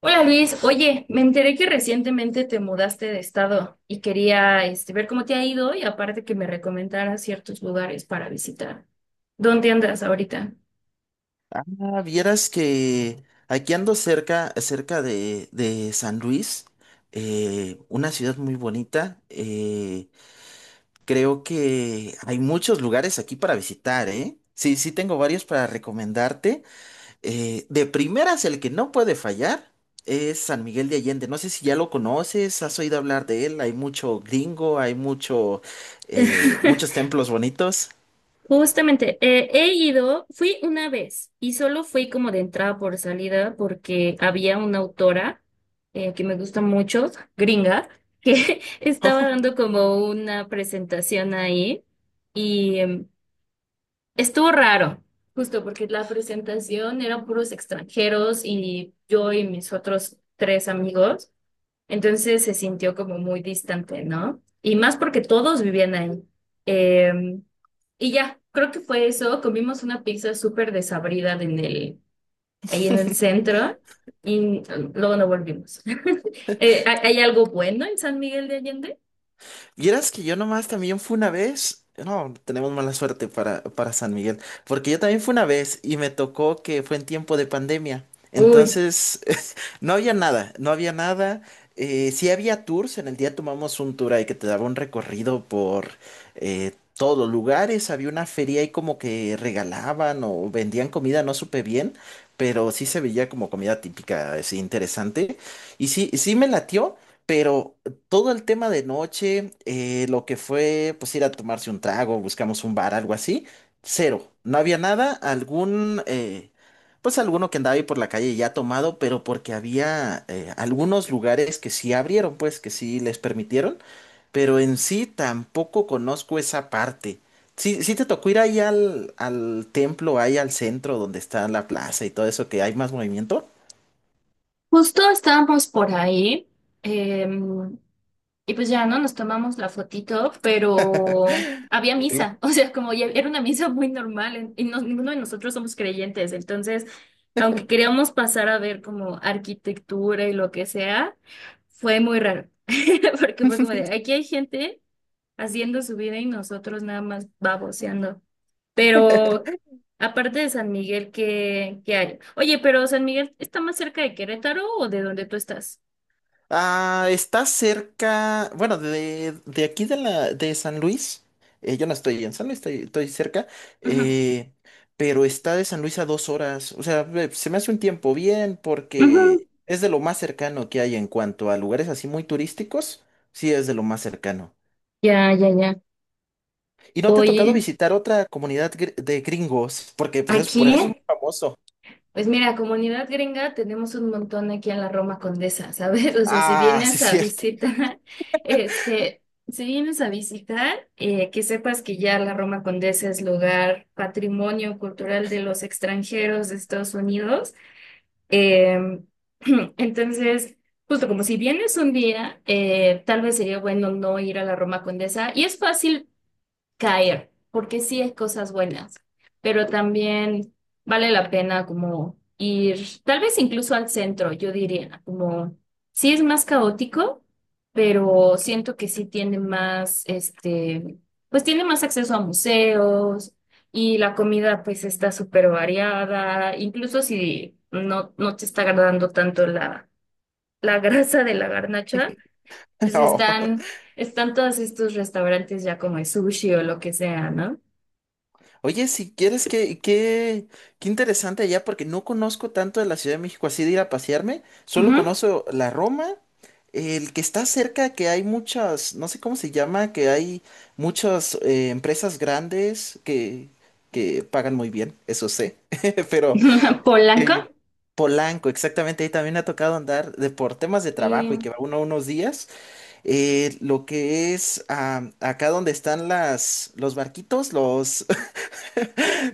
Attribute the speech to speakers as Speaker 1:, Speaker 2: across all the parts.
Speaker 1: Hola Luis, oye, me enteré que recientemente te mudaste de estado y quería ver cómo te ha ido y aparte que me recomendaras ciertos lugares para visitar. ¿Dónde andas ahorita?
Speaker 2: Ah, vieras que aquí ando cerca, de San Luis, una ciudad muy bonita. Creo que hay muchos lugares aquí para visitar, ¿eh? Sí, sí tengo varios para recomendarte. De primeras, el que no puede fallar es San Miguel de Allende. No sé si ya lo conoces, has oído hablar de él. Hay mucho gringo, hay muchos templos bonitos.
Speaker 1: Justamente, he ido, fui una vez y solo fui como de entrada por salida porque había una autora que me gusta mucho, gringa, que estaba dando como una presentación ahí y estuvo raro, justo porque la presentación eran puros extranjeros y yo y mis otros tres amigos, entonces se sintió como muy distante, ¿no? Y más porque todos vivían ahí. Eh, y ya, creo que fue eso. Comimos una pizza súper desabrida en el, ahí en el centro y luego no volvimos. ¿Hay algo bueno en San Miguel de Allende?
Speaker 2: Vieras que yo nomás también fui una vez. No, tenemos mala suerte para San Miguel. Porque yo también fui una vez y me tocó que fue en tiempo de pandemia.
Speaker 1: Uy,
Speaker 2: Entonces, no había nada, no había nada. Sí había tours, en el día tomamos un tour ahí que te daba un recorrido por eh, todos los lugares. Había una feria ahí como que regalaban o vendían comida, no supe bien. Pero sí se veía como comida típica, así interesante. Y sí, sí me latió, pero todo el tema de noche, lo que fue pues ir a tomarse un trago, buscamos un bar, algo así, cero. No había nada, pues alguno que andaba ahí por la calle ya tomado, pero porque había algunos lugares que sí abrieron, pues que sí les permitieron, pero en sí tampoco conozco esa parte. Sí, sí te tocó ir ahí al, al templo, ahí al centro donde está la plaza y todo eso, que hay más movimiento.
Speaker 1: justo estábamos por ahí. em, Y pues ya, ¿no? Nos tomamos la fotito, pero había misa, o sea, como ya era una misa muy normal en- y no- ninguno de nosotros somos creyentes, entonces, aunque queríamos pasar a ver como arquitectura y lo que sea, fue muy raro, porque fue como de, aquí hay gente haciendo su vida y nosotros nada más baboseando. Pero aparte de San Miguel, ¿qué, qué hay? Oye, ¿pero San Miguel está más cerca de Querétaro o de donde tú estás?
Speaker 2: Ah, está cerca, bueno, de aquí de la de San Luis. Yo no estoy en San Luis, estoy, estoy cerca,
Speaker 1: Ujú.
Speaker 2: eh, pero está de San Luis a 2 horas. O sea, ve, se me hace un tiempo bien
Speaker 1: Ujú.
Speaker 2: porque es de lo más cercano que hay en cuanto a lugares así muy turísticos. Sí, es de lo más cercano.
Speaker 1: Ya, ya, ya.
Speaker 2: ¿Y no te ha tocado
Speaker 1: Oye,
Speaker 2: visitar otra comunidad de gringos? Porque pues es por
Speaker 1: aquí,
Speaker 2: eso es muy
Speaker 1: ¿eh?
Speaker 2: famoso.
Speaker 1: Pues mira, comunidad gringa tenemos un montón aquí en la Roma Condesa, ¿sabes? O sea, si
Speaker 2: Ah, sí,
Speaker 1: vienes
Speaker 2: es
Speaker 1: a
Speaker 2: cierto.
Speaker 1: visitar, este, si vienes a visitar, que sepas que ya la Roma Condesa es lugar patrimonio cultural de los extranjeros de Estados Unidos. Em, entonces, justo como si vienes un día, tal vez sería bueno no ir a la Roma Condesa. Y es fácil caer, porque sí es cosas buenas, pero también vale la pena como ir, tal vez incluso al centro, yo diría, como sí es más caótico, pero siento que sí tiene más, pues tiene más acceso a museos y la comida pues está súper variada, incluso si no, no te está agradando tanto la, la grasa de la garnacha, pues están... Están todos estos restaurantes ya como de sushi o lo que sea, ¿no?
Speaker 2: Oye, si quieres, qué interesante allá, porque no conozco tanto de la Ciudad de México así de ir a pasearme, solo
Speaker 1: Ujú.
Speaker 2: conozco la Roma, el que está cerca, que hay muchas, no sé cómo se llama, que hay muchas empresas grandes que pagan muy bien, eso sé, pero
Speaker 1: Polanco
Speaker 2: eh, Polanco, exactamente, ahí también me ha tocado andar de, por temas de
Speaker 1: y
Speaker 2: trabajo y que va uno unos días, lo que es acá donde están las, los barquitos, los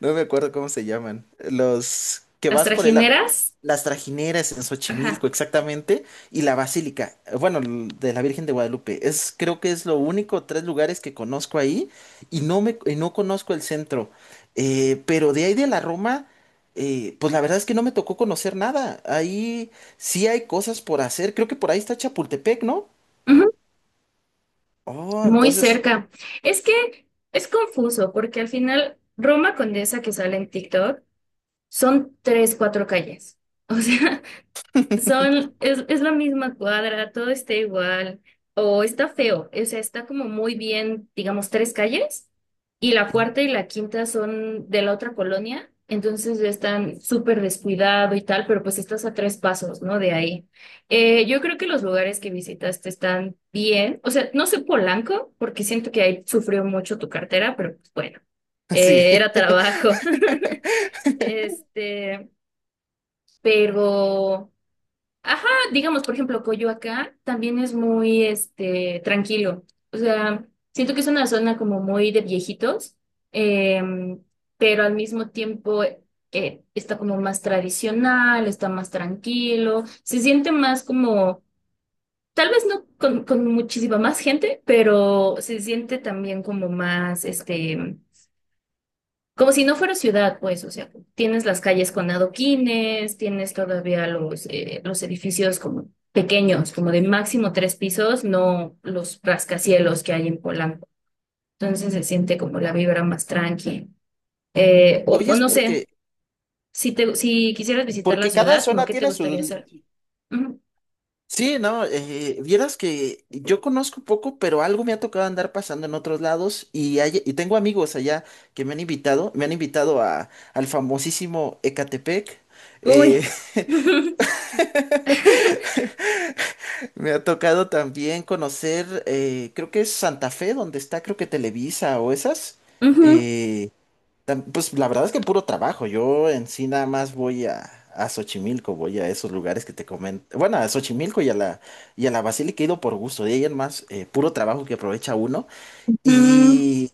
Speaker 2: no me acuerdo cómo se llaman. Los que
Speaker 1: las
Speaker 2: vas por el...
Speaker 1: trajineras.
Speaker 2: Las trajineras en
Speaker 1: Ajá.
Speaker 2: Xochimilco, exactamente. Y la basílica, bueno, de la Virgen de Guadalupe. Es, creo que es lo único, tres lugares que conozco ahí. Y no conozco el centro. Pero de ahí de la Roma, pues la verdad es que no me tocó conocer nada. Ahí sí hay cosas por hacer. Creo que por ahí está Chapultepec, ¿no?
Speaker 1: Ujú.
Speaker 2: Oh,
Speaker 1: Muy
Speaker 2: entonces...
Speaker 1: cerca. Es que es confuso porque al final Roma Condesa que sale en TikTok son tres, cuatro calles. O sea, son, es la misma cuadra, todo está igual, o está feo, o sea, está como muy bien, digamos, tres calles, y la cuarta y la quinta son de la otra colonia, entonces ya están súper descuidado y tal, pero pues estás a tres pasos, ¿no? De ahí. Yo creo que los lugares que visitaste están bien, o sea, no sé Polanco, porque siento que ahí sufrió mucho tu cartera, pero pues bueno,
Speaker 2: Sí.
Speaker 1: era trabajo. Este, pero... Ajá, digamos, por ejemplo, Coyoacán también es muy, tranquilo. O sea, siento que es una zona como muy de viejitos, em, pero al mismo tiempo está como más tradicional, está más tranquilo, se siente más como, tal vez no con, con muchísima más gente, pero se siente también como más, como si no fuera ciudad, pues, o sea, tienes las calles con adoquines, tienes todavía los edificios como pequeños, como de máximo tres pisos, no los rascacielos que hay en Polanco. Entonces se siente como la vibra más tranqui.
Speaker 2: Oye,
Speaker 1: O
Speaker 2: es
Speaker 1: no sé,
Speaker 2: porque
Speaker 1: si te, ¿si quisieras visitar la
Speaker 2: porque cada
Speaker 1: ciudad, como
Speaker 2: zona
Speaker 1: qué te
Speaker 2: tiene su...
Speaker 1: gustaría hacer? Ujú.
Speaker 2: Sí, no, vieras que yo conozco poco, pero algo me ha tocado andar pasando en otros lados y y tengo amigos allá que me han invitado a, al famosísimo Ecatepec.
Speaker 1: Uy.
Speaker 2: eh, Me ha tocado también conocer, creo que es Santa Fe, donde está, creo que Televisa o esas.
Speaker 1: Ujú,
Speaker 2: eh, Pues la verdad es que puro trabajo. Yo en sí nada más voy a Xochimilco, voy a esos lugares que te comento. Bueno, a Xochimilco y a la Basílica he ido por gusto. De ahí en más, puro trabajo que aprovecha uno.
Speaker 1: ujú.
Speaker 2: Y,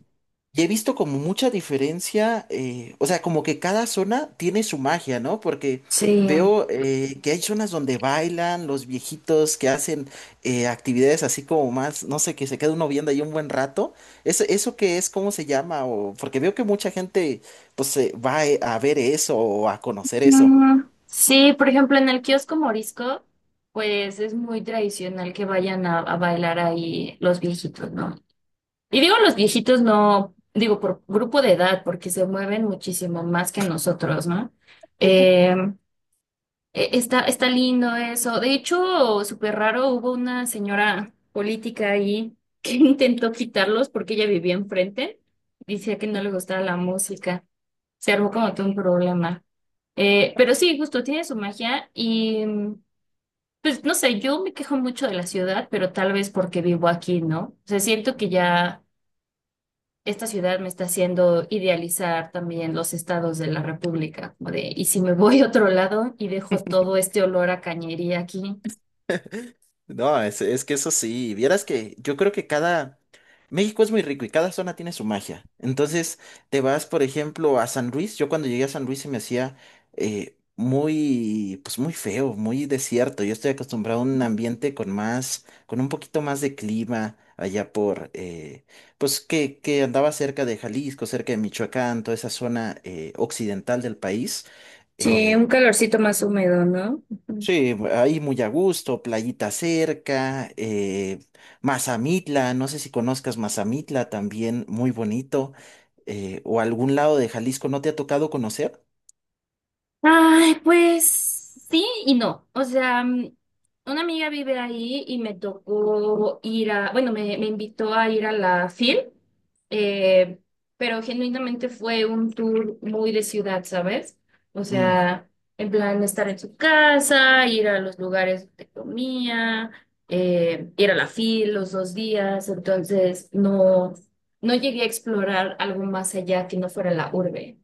Speaker 2: y he visto como mucha diferencia, o sea, como que cada zona tiene su magia, ¿no? Porque
Speaker 1: Sí.
Speaker 2: veo que hay zonas donde bailan los viejitos que hacen actividades así como más, no sé, que se queda uno viendo ahí un buen rato. ¿Eso, eso qué es? ¿Cómo se llama? O, porque veo que mucha gente pues se va a ver eso o a conocer eso.
Speaker 1: Ujú. Sí, por ejemplo, en el kiosco Morisco, pues es muy tradicional que vayan a bailar ahí los viejitos, ¿no? Y digo los viejitos, no, digo por grupo de edad, porque se mueven muchísimo más que nosotros, ¿no? Eh, está, está lindo eso. De hecho, súper raro, hubo una señora política ahí que intentó quitarlos porque ella vivía enfrente. Decía que no le gustaba la música. Se armó como todo un problema. Pero sí, justo tiene su magia y mm, pues no sé, yo me quejo mucho de la ciudad, pero tal vez porque vivo aquí, ¿no? O sea, siento que ya esta ciudad me está haciendo idealizar también los estados de la República, como de, y si me voy a otro lado y dejo todo este olor a cañería aquí.
Speaker 2: No, es que eso sí, vieras que yo creo que cada... México es muy rico y cada zona tiene su magia. Entonces, te vas, por ejemplo, a San Luis. Yo cuando llegué a San Luis se me hacía muy, pues muy feo, muy desierto. Yo estoy acostumbrado a un ambiente con más, con un poquito más de clima allá por pues que andaba cerca de Jalisco, cerca de Michoacán, toda esa zona occidental del país.
Speaker 1: Sí,
Speaker 2: Eh,
Speaker 1: un calorcito más húmedo, ¿no?
Speaker 2: Sí, ahí muy a gusto, playita cerca, Mazamitla, no sé si conozcas Mazamitla también, muy bonito, o algún lado de Jalisco, ¿no te ha tocado conocer?
Speaker 1: Ay, pues sí y no. O sea, mm, una amiga vive ahí y me tocó ir a, bueno, me invitó a ir a la FIL, eh, pero genuinamente fue un tour muy de ciudad, ¿sabes? O
Speaker 2: Mm,
Speaker 1: sea, en plan estar en su casa, ir a los lugares donde comía, ir a la FIL los 2 días, entonces no, no llegué a explorar algo más allá que no fuera la urbe.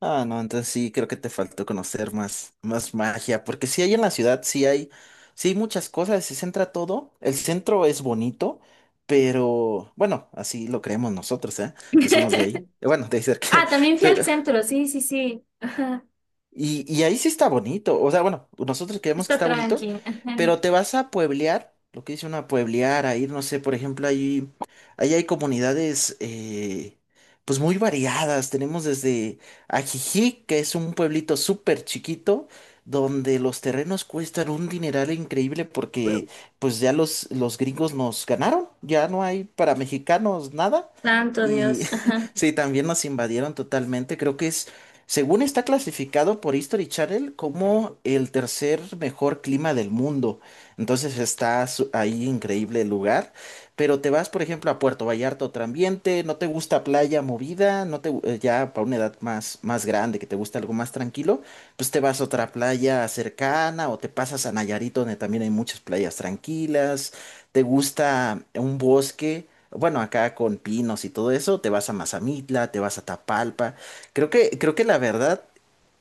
Speaker 2: ah, no, entonces sí, creo que te faltó conocer más, más magia, porque sí hay en la ciudad, sí hay muchas cosas, se centra todo, el centro es bonito, pero bueno, así lo creemos nosotros, ¿eh? Que somos de ahí, bueno, de ahí cerca,
Speaker 1: Ah, también fui al
Speaker 2: pero...
Speaker 1: centro, sí, sí, sí. Ajá.
Speaker 2: Y, y ahí sí está bonito. O sea, bueno, nosotros creemos que
Speaker 1: Está
Speaker 2: está bonito,
Speaker 1: tranqui. Ajá.
Speaker 2: pero te vas a pueblear, lo que dice una pueblear, a ir, no sé, por ejemplo, ahí, ahí hay comunidades pues muy variadas. Tenemos desde Ajijic, que es un pueblito súper chiquito, donde los terrenos cuestan un dineral increíble porque pues ya los gringos nos ganaron, ya no hay para mexicanos nada.
Speaker 1: Santo
Speaker 2: Y
Speaker 1: Dios. Ajá.
Speaker 2: sí, también nos invadieron totalmente. Creo que es según está clasificado por History Channel como el tercer mejor clima del mundo. Entonces ahí increíble el lugar. Pero te vas, por ejemplo, a Puerto Vallarta, otro ambiente, no te gusta playa movida, no te, gu- ya para una edad más, más grande, que te gusta algo más tranquilo, pues te vas a otra playa cercana o te pasas a Nayarit, donde también hay muchas playas tranquilas. Te gusta un bosque, bueno, acá con pinos y todo eso, te vas a Mazamitla, te vas a Tapalpa. Creo que la verdad,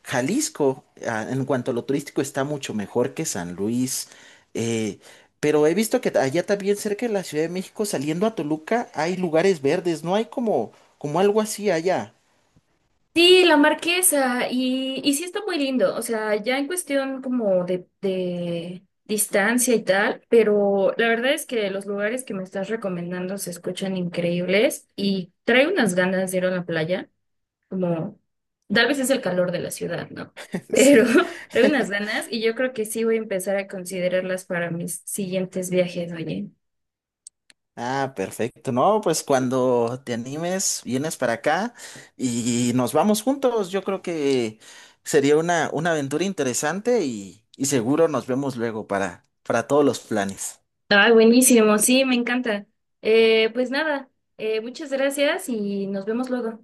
Speaker 2: Jalisco, ah, en cuanto a lo turístico, está mucho mejor que San Luis. eh, pero he visto que allá también cerca de la Ciudad de México, saliendo a Toluca, hay lugares verdes, no hay como, como algo así allá.
Speaker 1: Sí, la Marquesa. Y sí está muy lindo. O sea, ya en cuestión como de distancia y tal. Pero la verdad es que los lugares que me estás recomendando se escuchan increíbles. Y trae unas ganas de ir a la playa. Como, tal vez es el calor de la ciudad, ¿no? Pero
Speaker 2: Sí.
Speaker 1: trae unas ganas. Y yo creo que sí voy a empezar a considerarlas para mis siguientes viajes, oye.
Speaker 2: Ah, perfecto. No, pues cuando te animes, vienes para acá y nos vamos juntos. Yo creo que sería una aventura interesante y seguro nos vemos luego para todos los planes.
Speaker 1: Ah, buenísimo, sí, me encanta. Pues nada, muchas gracias y nos vemos luego.